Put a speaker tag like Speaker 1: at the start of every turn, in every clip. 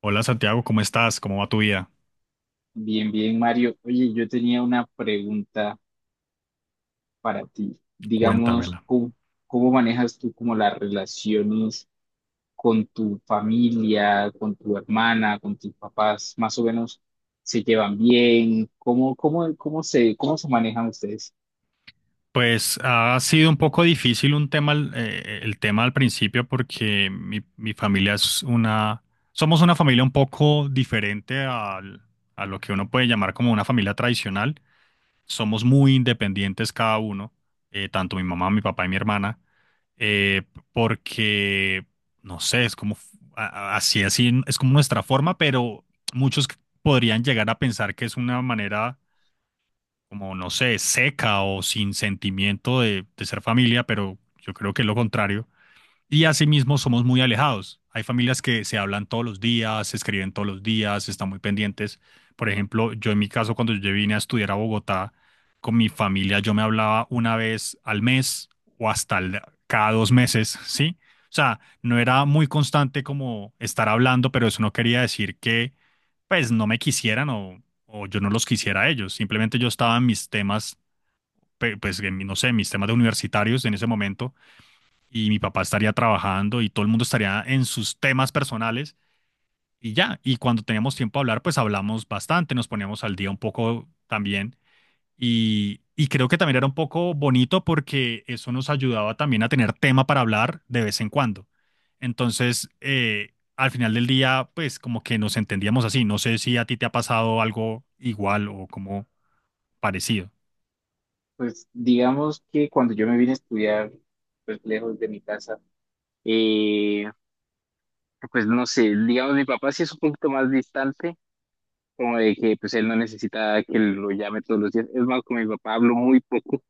Speaker 1: Hola Santiago, ¿cómo estás? ¿Cómo va tu vida?
Speaker 2: Bien, bien, Mario. Oye, yo tenía una pregunta para ti. Digamos,
Speaker 1: Cuéntamela.
Speaker 2: ¿cómo manejas tú como las relaciones con tu familia, con tu hermana, con tus papás? Más o menos, ¿se llevan bien? ¿Cómo se manejan ustedes?
Speaker 1: Pues ha sido un poco difícil un tema, el tema al principio porque mi familia es una, somos una familia un poco diferente a lo que uno puede llamar como una familia tradicional. Somos muy independientes cada uno, tanto mi mamá, mi papá y mi hermana, eh, porque, no sé, es como, a- así, así, es como nuestra forma, pero muchos podrían llegar a pensar que es una manera como, no sé, seca o sin sentimiento de ser familia, pero yo creo que es lo contrario. Y asimismo somos muy alejados. Hay familias que se hablan todos los días, se escriben todos los días, están muy pendientes. Por ejemplo, yo en mi caso, cuando yo vine a estudiar a Bogotá, con mi familia yo me hablaba una vez al mes o cada 2 meses, ¿sí? O sea, no era muy constante como estar hablando, pero eso no quería decir que pues no me quisieran o yo no los quisiera a ellos. Simplemente yo estaba en mis temas, pues no sé, mis temas de universitarios en ese momento y mi papá estaría trabajando y todo el mundo estaría en sus temas personales y ya. Y cuando teníamos tiempo a hablar, pues hablamos bastante, nos poníamos al día un poco también. Y creo que también era un poco bonito porque eso nos ayudaba también a tener tema para hablar de vez en cuando. Entonces, al final del día, pues como que nos entendíamos así. No sé si a ti te ha pasado algo igual o como parecido.
Speaker 2: Pues digamos que cuando yo me vine a estudiar, pues lejos de mi casa, eh, pues no sé, digamos, mi papá sí es un poquito más distante, como de que pues él no necesita que lo llame todos los días. Es más, con mi papá hablo muy poco,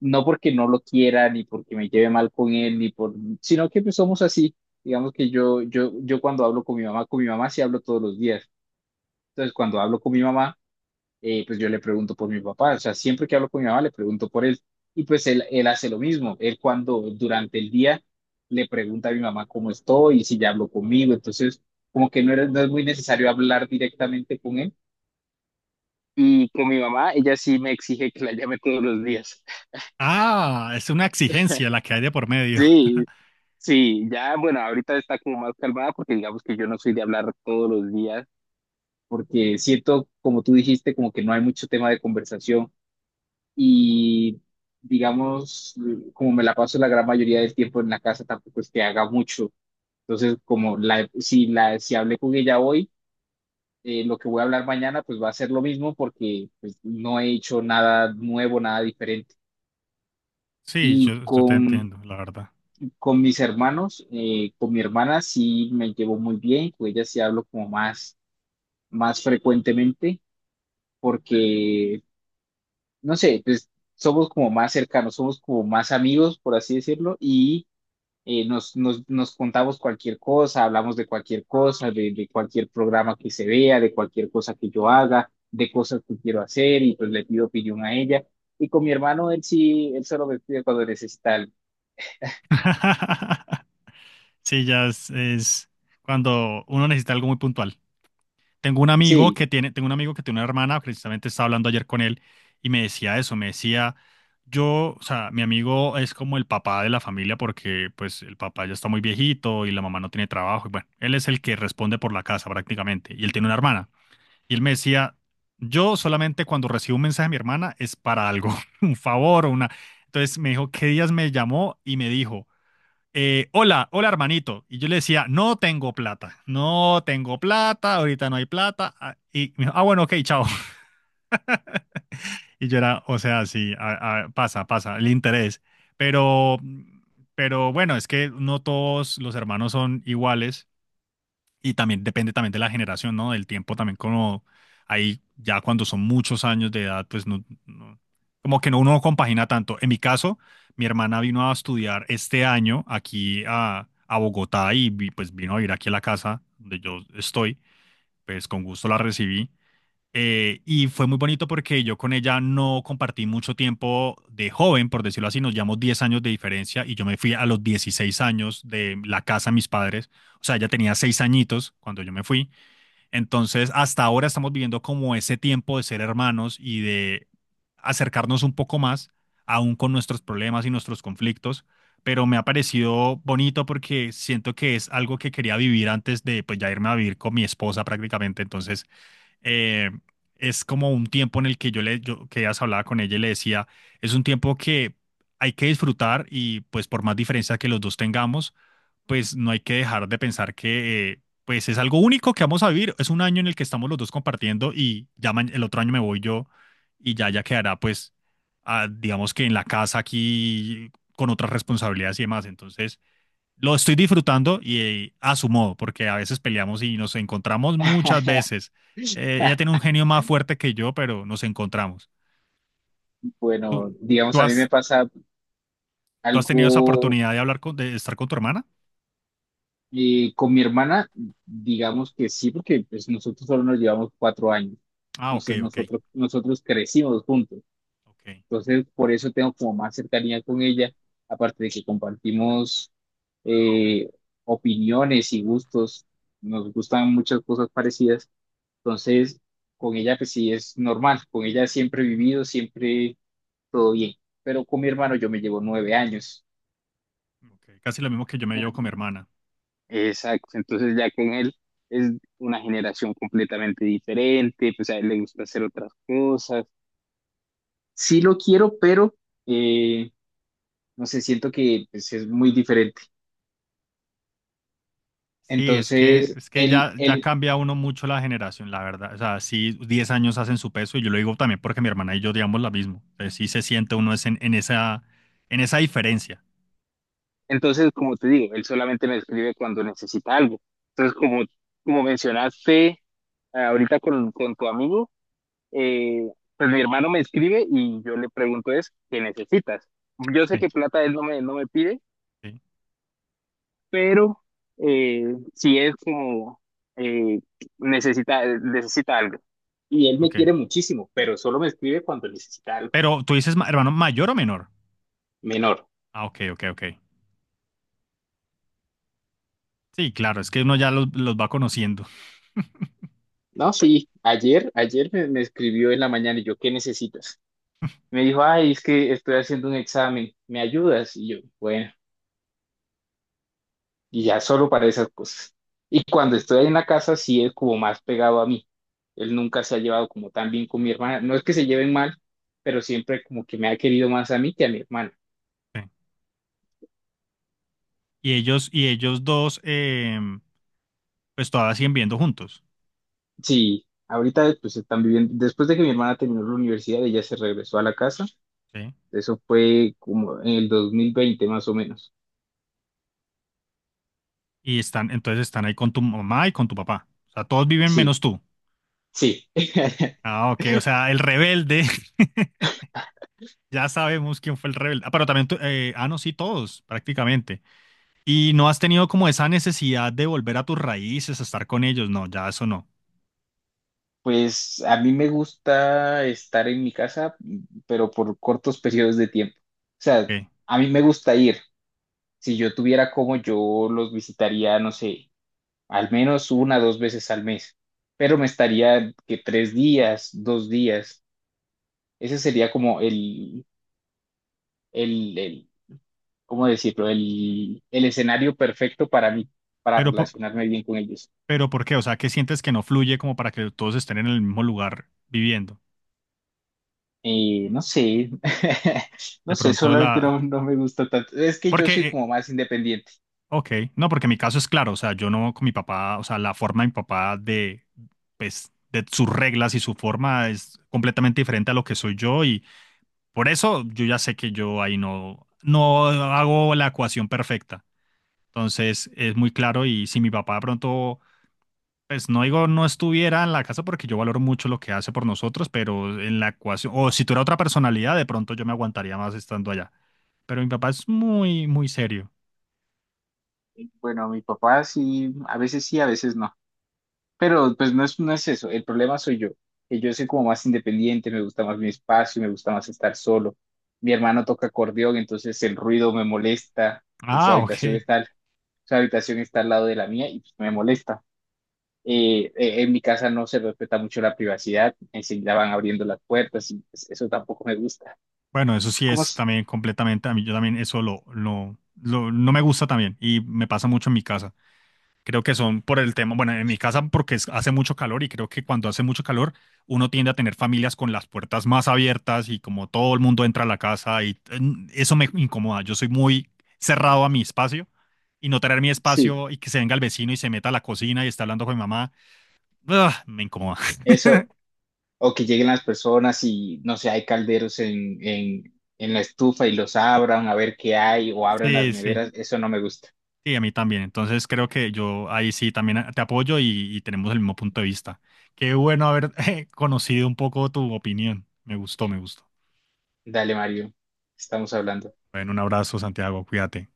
Speaker 2: no porque no lo quiera, ni porque me lleve mal con él, ni por, sino que pues somos así. Digamos que yo cuando hablo con mi mamá sí hablo todos los días. Entonces, cuando hablo con mi mamá, pues yo le pregunto por mi papá. O sea, siempre que hablo con mi mamá, le pregunto por él. Y pues él hace lo mismo. Él, cuando durante el día, le pregunta a mi mamá cómo estoy y si ya habló conmigo. Entonces, como que no es muy necesario hablar directamente con él. Y con mi mamá, ella sí me exige que la llame todos los días.
Speaker 1: Ah, es una exigencia la que hay de por medio.
Speaker 2: Sí, sí, ya, bueno, ahorita está como más calmada porque digamos que yo no soy de hablar todos los días, porque siento, como tú dijiste, como que no hay mucho tema de conversación y, digamos, como me la paso la gran mayoría del tiempo en la casa, tampoco es que haga mucho. Entonces, como la, si la, si hablé con ella hoy, lo que voy a hablar mañana pues va a ser lo mismo, porque pues no he hecho nada nuevo, nada diferente.
Speaker 1: Sí,
Speaker 2: Y
Speaker 1: yo te
Speaker 2: con
Speaker 1: entiendo, la verdad.
Speaker 2: Con mis hermanos, con mi hermana sí me llevo muy bien, con ella sí hablo como más frecuentemente, porque, no sé, pues somos como más cercanos, somos como más amigos, por así decirlo, y nos contamos cualquier cosa, hablamos de cualquier cosa, de cualquier programa que se vea, de cualquier cosa que yo haga, de cosas que quiero hacer, y pues le pido opinión a ella. Y con mi hermano, él solo me pide cuando necesita algo.
Speaker 1: Sí, es cuando uno necesita algo muy puntual.
Speaker 2: Sí.
Speaker 1: Tengo un amigo que tiene una hermana, precisamente estaba hablando ayer con él y me decía eso, me decía, yo, o sea, mi amigo es como el papá de la familia porque pues el papá ya está muy viejito y la mamá no tiene trabajo y bueno, él es el que responde por la casa prácticamente y él tiene una hermana. Y él me decía, yo solamente cuando recibo un mensaje de mi hermana es para algo, un favor o una... Entonces me dijo, ¿qué días me llamó y me dijo? Hola, hola hermanito. Y yo le decía, no tengo plata, no tengo plata, ahorita no hay plata. Ah, y me dijo, ah, bueno, ok, chao. Y yo era, o sea, sí, pasa, pasa, el interés. Pero, pero bueno, es que no todos los hermanos son iguales. Y también depende también de la generación, ¿no? Del tiempo también como ahí ya cuando son muchos años de edad, como que uno no compagina tanto. En mi caso, mi hermana vino a estudiar este año aquí a Bogotá y pues vino a vivir aquí a la casa donde yo estoy, pues con gusto la recibí y fue muy bonito porque yo con ella no compartí mucho tiempo de joven, por decirlo así, nos llevamos 10 años de diferencia y yo me fui a los 16 años de la casa de mis padres, o sea, ella tenía 6 añitos cuando yo me fui, entonces hasta ahora estamos viviendo como ese tiempo de ser hermanos y de acercarnos un poco más, aún con nuestros problemas y nuestros conflictos, pero me ha parecido bonito porque siento que es algo que quería vivir antes de pues ya irme a vivir con mi esposa prácticamente, entonces eh, es como un tiempo en el que yo, que ya hablaba con ella y le decía, es un tiempo que hay que disfrutar y pues por más diferencia que los dos tengamos, pues no hay que dejar de pensar que pues es algo único que vamos a vivir, es un año en el que estamos los dos compartiendo y ya el otro año me voy yo y ya quedará pues ah, digamos que en la casa aquí con otras responsabilidades y demás, entonces lo estoy disfrutando y a su modo, porque a veces peleamos y nos encontramos muchas veces. Ella tiene un genio más fuerte que yo, pero nos encontramos. ¿Tú,
Speaker 2: Bueno, digamos,
Speaker 1: tú
Speaker 2: a mí
Speaker 1: has,
Speaker 2: me pasa
Speaker 1: ¿Tú has tenido esa
Speaker 2: algo
Speaker 1: oportunidad de hablar con, de estar con tu hermana?
Speaker 2: con mi hermana, digamos que sí, porque pues nosotros solo nos llevamos 4 años,
Speaker 1: Ah, ok,
Speaker 2: entonces
Speaker 1: ok,
Speaker 2: nosotros crecimos juntos,
Speaker 1: ok,
Speaker 2: entonces por eso tengo como más cercanía con ella, aparte de que compartimos eh, opiniones y gustos, nos gustan muchas cosas parecidas, entonces con ella pues sí es normal, con ella siempre he vivido, siempre todo bien, pero con mi hermano yo me llevo 9 años.
Speaker 1: ok. Casi lo mismo que yo me llevo con mi hermana.
Speaker 2: Exacto, entonces ya con él es una generación completamente diferente, pues a él le gusta hacer otras cosas. Sí lo quiero, pero eh, no sé, siento que pues es muy diferente.
Speaker 1: Sí,
Speaker 2: Entonces,
Speaker 1: es que ya cambia uno mucho la generación, la verdad. O sea, sí, 10 años hacen su peso y yo lo digo también porque mi hermana y yo digamos lo mismo. Entonces, sí se siente uno es en esa diferencia.
Speaker 2: entonces, como te digo, él solamente me escribe cuando necesita algo. Entonces, como, como mencionaste, ahorita con tu amigo, eh, pues mi hermano me escribe y yo le pregunto es, ¿qué necesitas? Yo sé
Speaker 1: Sí,
Speaker 2: que plata él no me pide,
Speaker 1: sí,
Speaker 2: pero eh, sí es como eh, necesita algo. Y él me
Speaker 1: ok.
Speaker 2: quiere muchísimo, pero solo me escribe cuando necesita algo
Speaker 1: Pero tú dices, hermano, mayor o menor.
Speaker 2: menor.
Speaker 1: Ah, ok, ok, ok. Sí, claro, es que uno ya los va conociendo.
Speaker 2: No, sí, ayer me escribió en la mañana y yo, ¿qué necesitas? Me dijo, ay, es que estoy haciendo un examen, ¿me ayudas? Y yo, bueno, y ya solo para esas cosas. Y cuando estoy ahí en la casa, sí es como más pegado a mí. Él nunca se ha llevado como tan bien con mi hermana. No es que se lleven mal, pero siempre como que me ha querido más a mí que a mi hermana.
Speaker 1: Sí. Y ellos dos, pues todavía siguen viviendo juntos.
Speaker 2: Sí, ahorita pues están viviendo, después de que mi hermana terminó la universidad, ella se regresó a la casa.
Speaker 1: Sí.
Speaker 2: Eso fue como en el 2020, más o menos.
Speaker 1: Y están, entonces están ahí con tu mamá y con tu papá. O sea, todos viven
Speaker 2: Sí,
Speaker 1: menos tú.
Speaker 2: sí.
Speaker 1: Ah, ok, o sea, el rebelde. Ya sabemos quién fue el rebelde. Ah, pero también, no, sí, todos, prácticamente. Y no has tenido como esa necesidad de volver a tus raíces, a estar con ellos. No, ya eso no.
Speaker 2: Pues a mí me gusta estar en mi casa, pero por cortos periodos de tiempo. O sea,
Speaker 1: Ok.
Speaker 2: a mí me gusta ir. Si yo tuviera, como, yo los visitaría, no sé, al menos 1 2 veces al mes, pero me estaría que 3 días, 2 días. Ese sería como el, el, ¿cómo decirlo? El escenario perfecto para mí, para
Speaker 1: Pero, po-
Speaker 2: relacionarme bien con ellos.
Speaker 1: pero ¿por qué? O sea, ¿qué sientes que no fluye como para que todos estén en el mismo lugar viviendo?
Speaker 2: No sé, no
Speaker 1: De
Speaker 2: sé,
Speaker 1: pronto
Speaker 2: solamente no,
Speaker 1: la...
Speaker 2: no me gusta tanto. Es que yo
Speaker 1: Porque,
Speaker 2: soy como más independiente.
Speaker 1: ok, no, porque mi caso es claro, o sea, yo no con mi papá, o sea, la forma de mi papá de, pues, de sus reglas y su forma es completamente diferente a lo que soy yo y por eso yo ya sé que yo ahí no, no hago la ecuación perfecta. Entonces, es muy claro y si mi papá de pronto, pues no digo no estuviera en la casa porque yo valoro mucho lo que hace por nosotros, pero en la ecuación, o si tuviera otra personalidad, de pronto yo me aguantaría más estando allá. Pero mi papá es muy serio.
Speaker 2: Bueno, mi papá sí, a veces no. Pero pues no es eso, el problema soy yo, que yo soy como más independiente, me gusta más mi espacio, me gusta más estar solo. Mi hermano toca acordeón, entonces el ruido me molesta, su
Speaker 1: Ah,
Speaker 2: habitación
Speaker 1: ok.
Speaker 2: está, su habitación está al lado de la mía y pues me molesta. En mi casa no se respeta mucho la privacidad, enseguida van abriendo las puertas y pues eso tampoco me gusta.
Speaker 1: Bueno, eso sí
Speaker 2: ¿Cómo?
Speaker 1: es
Speaker 2: S-
Speaker 1: también completamente, a mí yo también eso no me gusta también y me pasa mucho en mi casa. Creo que son por el tema, bueno, en mi casa porque hace mucho calor y creo que cuando hace mucho calor uno tiende a tener familias con las puertas más abiertas y como todo el mundo entra a la casa y mm, eso me incomoda. Yo soy muy cerrado a mi espacio y no tener mi
Speaker 2: Sí,
Speaker 1: espacio y que se venga el vecino y se meta a la cocina y está hablando con mi mamá, ugh, me incomoda.
Speaker 2: eso, o que lleguen las personas y, no sé, hay calderos en, en la estufa y los abran a ver qué hay, o abran las
Speaker 1: Sí, sí,
Speaker 2: neveras, eso no me gusta.
Speaker 1: sí, a mí también. Entonces creo que yo ahí sí también te apoyo y tenemos el mismo punto de vista. Qué bueno haber conocido un poco tu opinión. Me gustó, me gustó.
Speaker 2: Dale, Mario, estamos hablando.
Speaker 1: Bueno, un abrazo, Santiago, cuídate.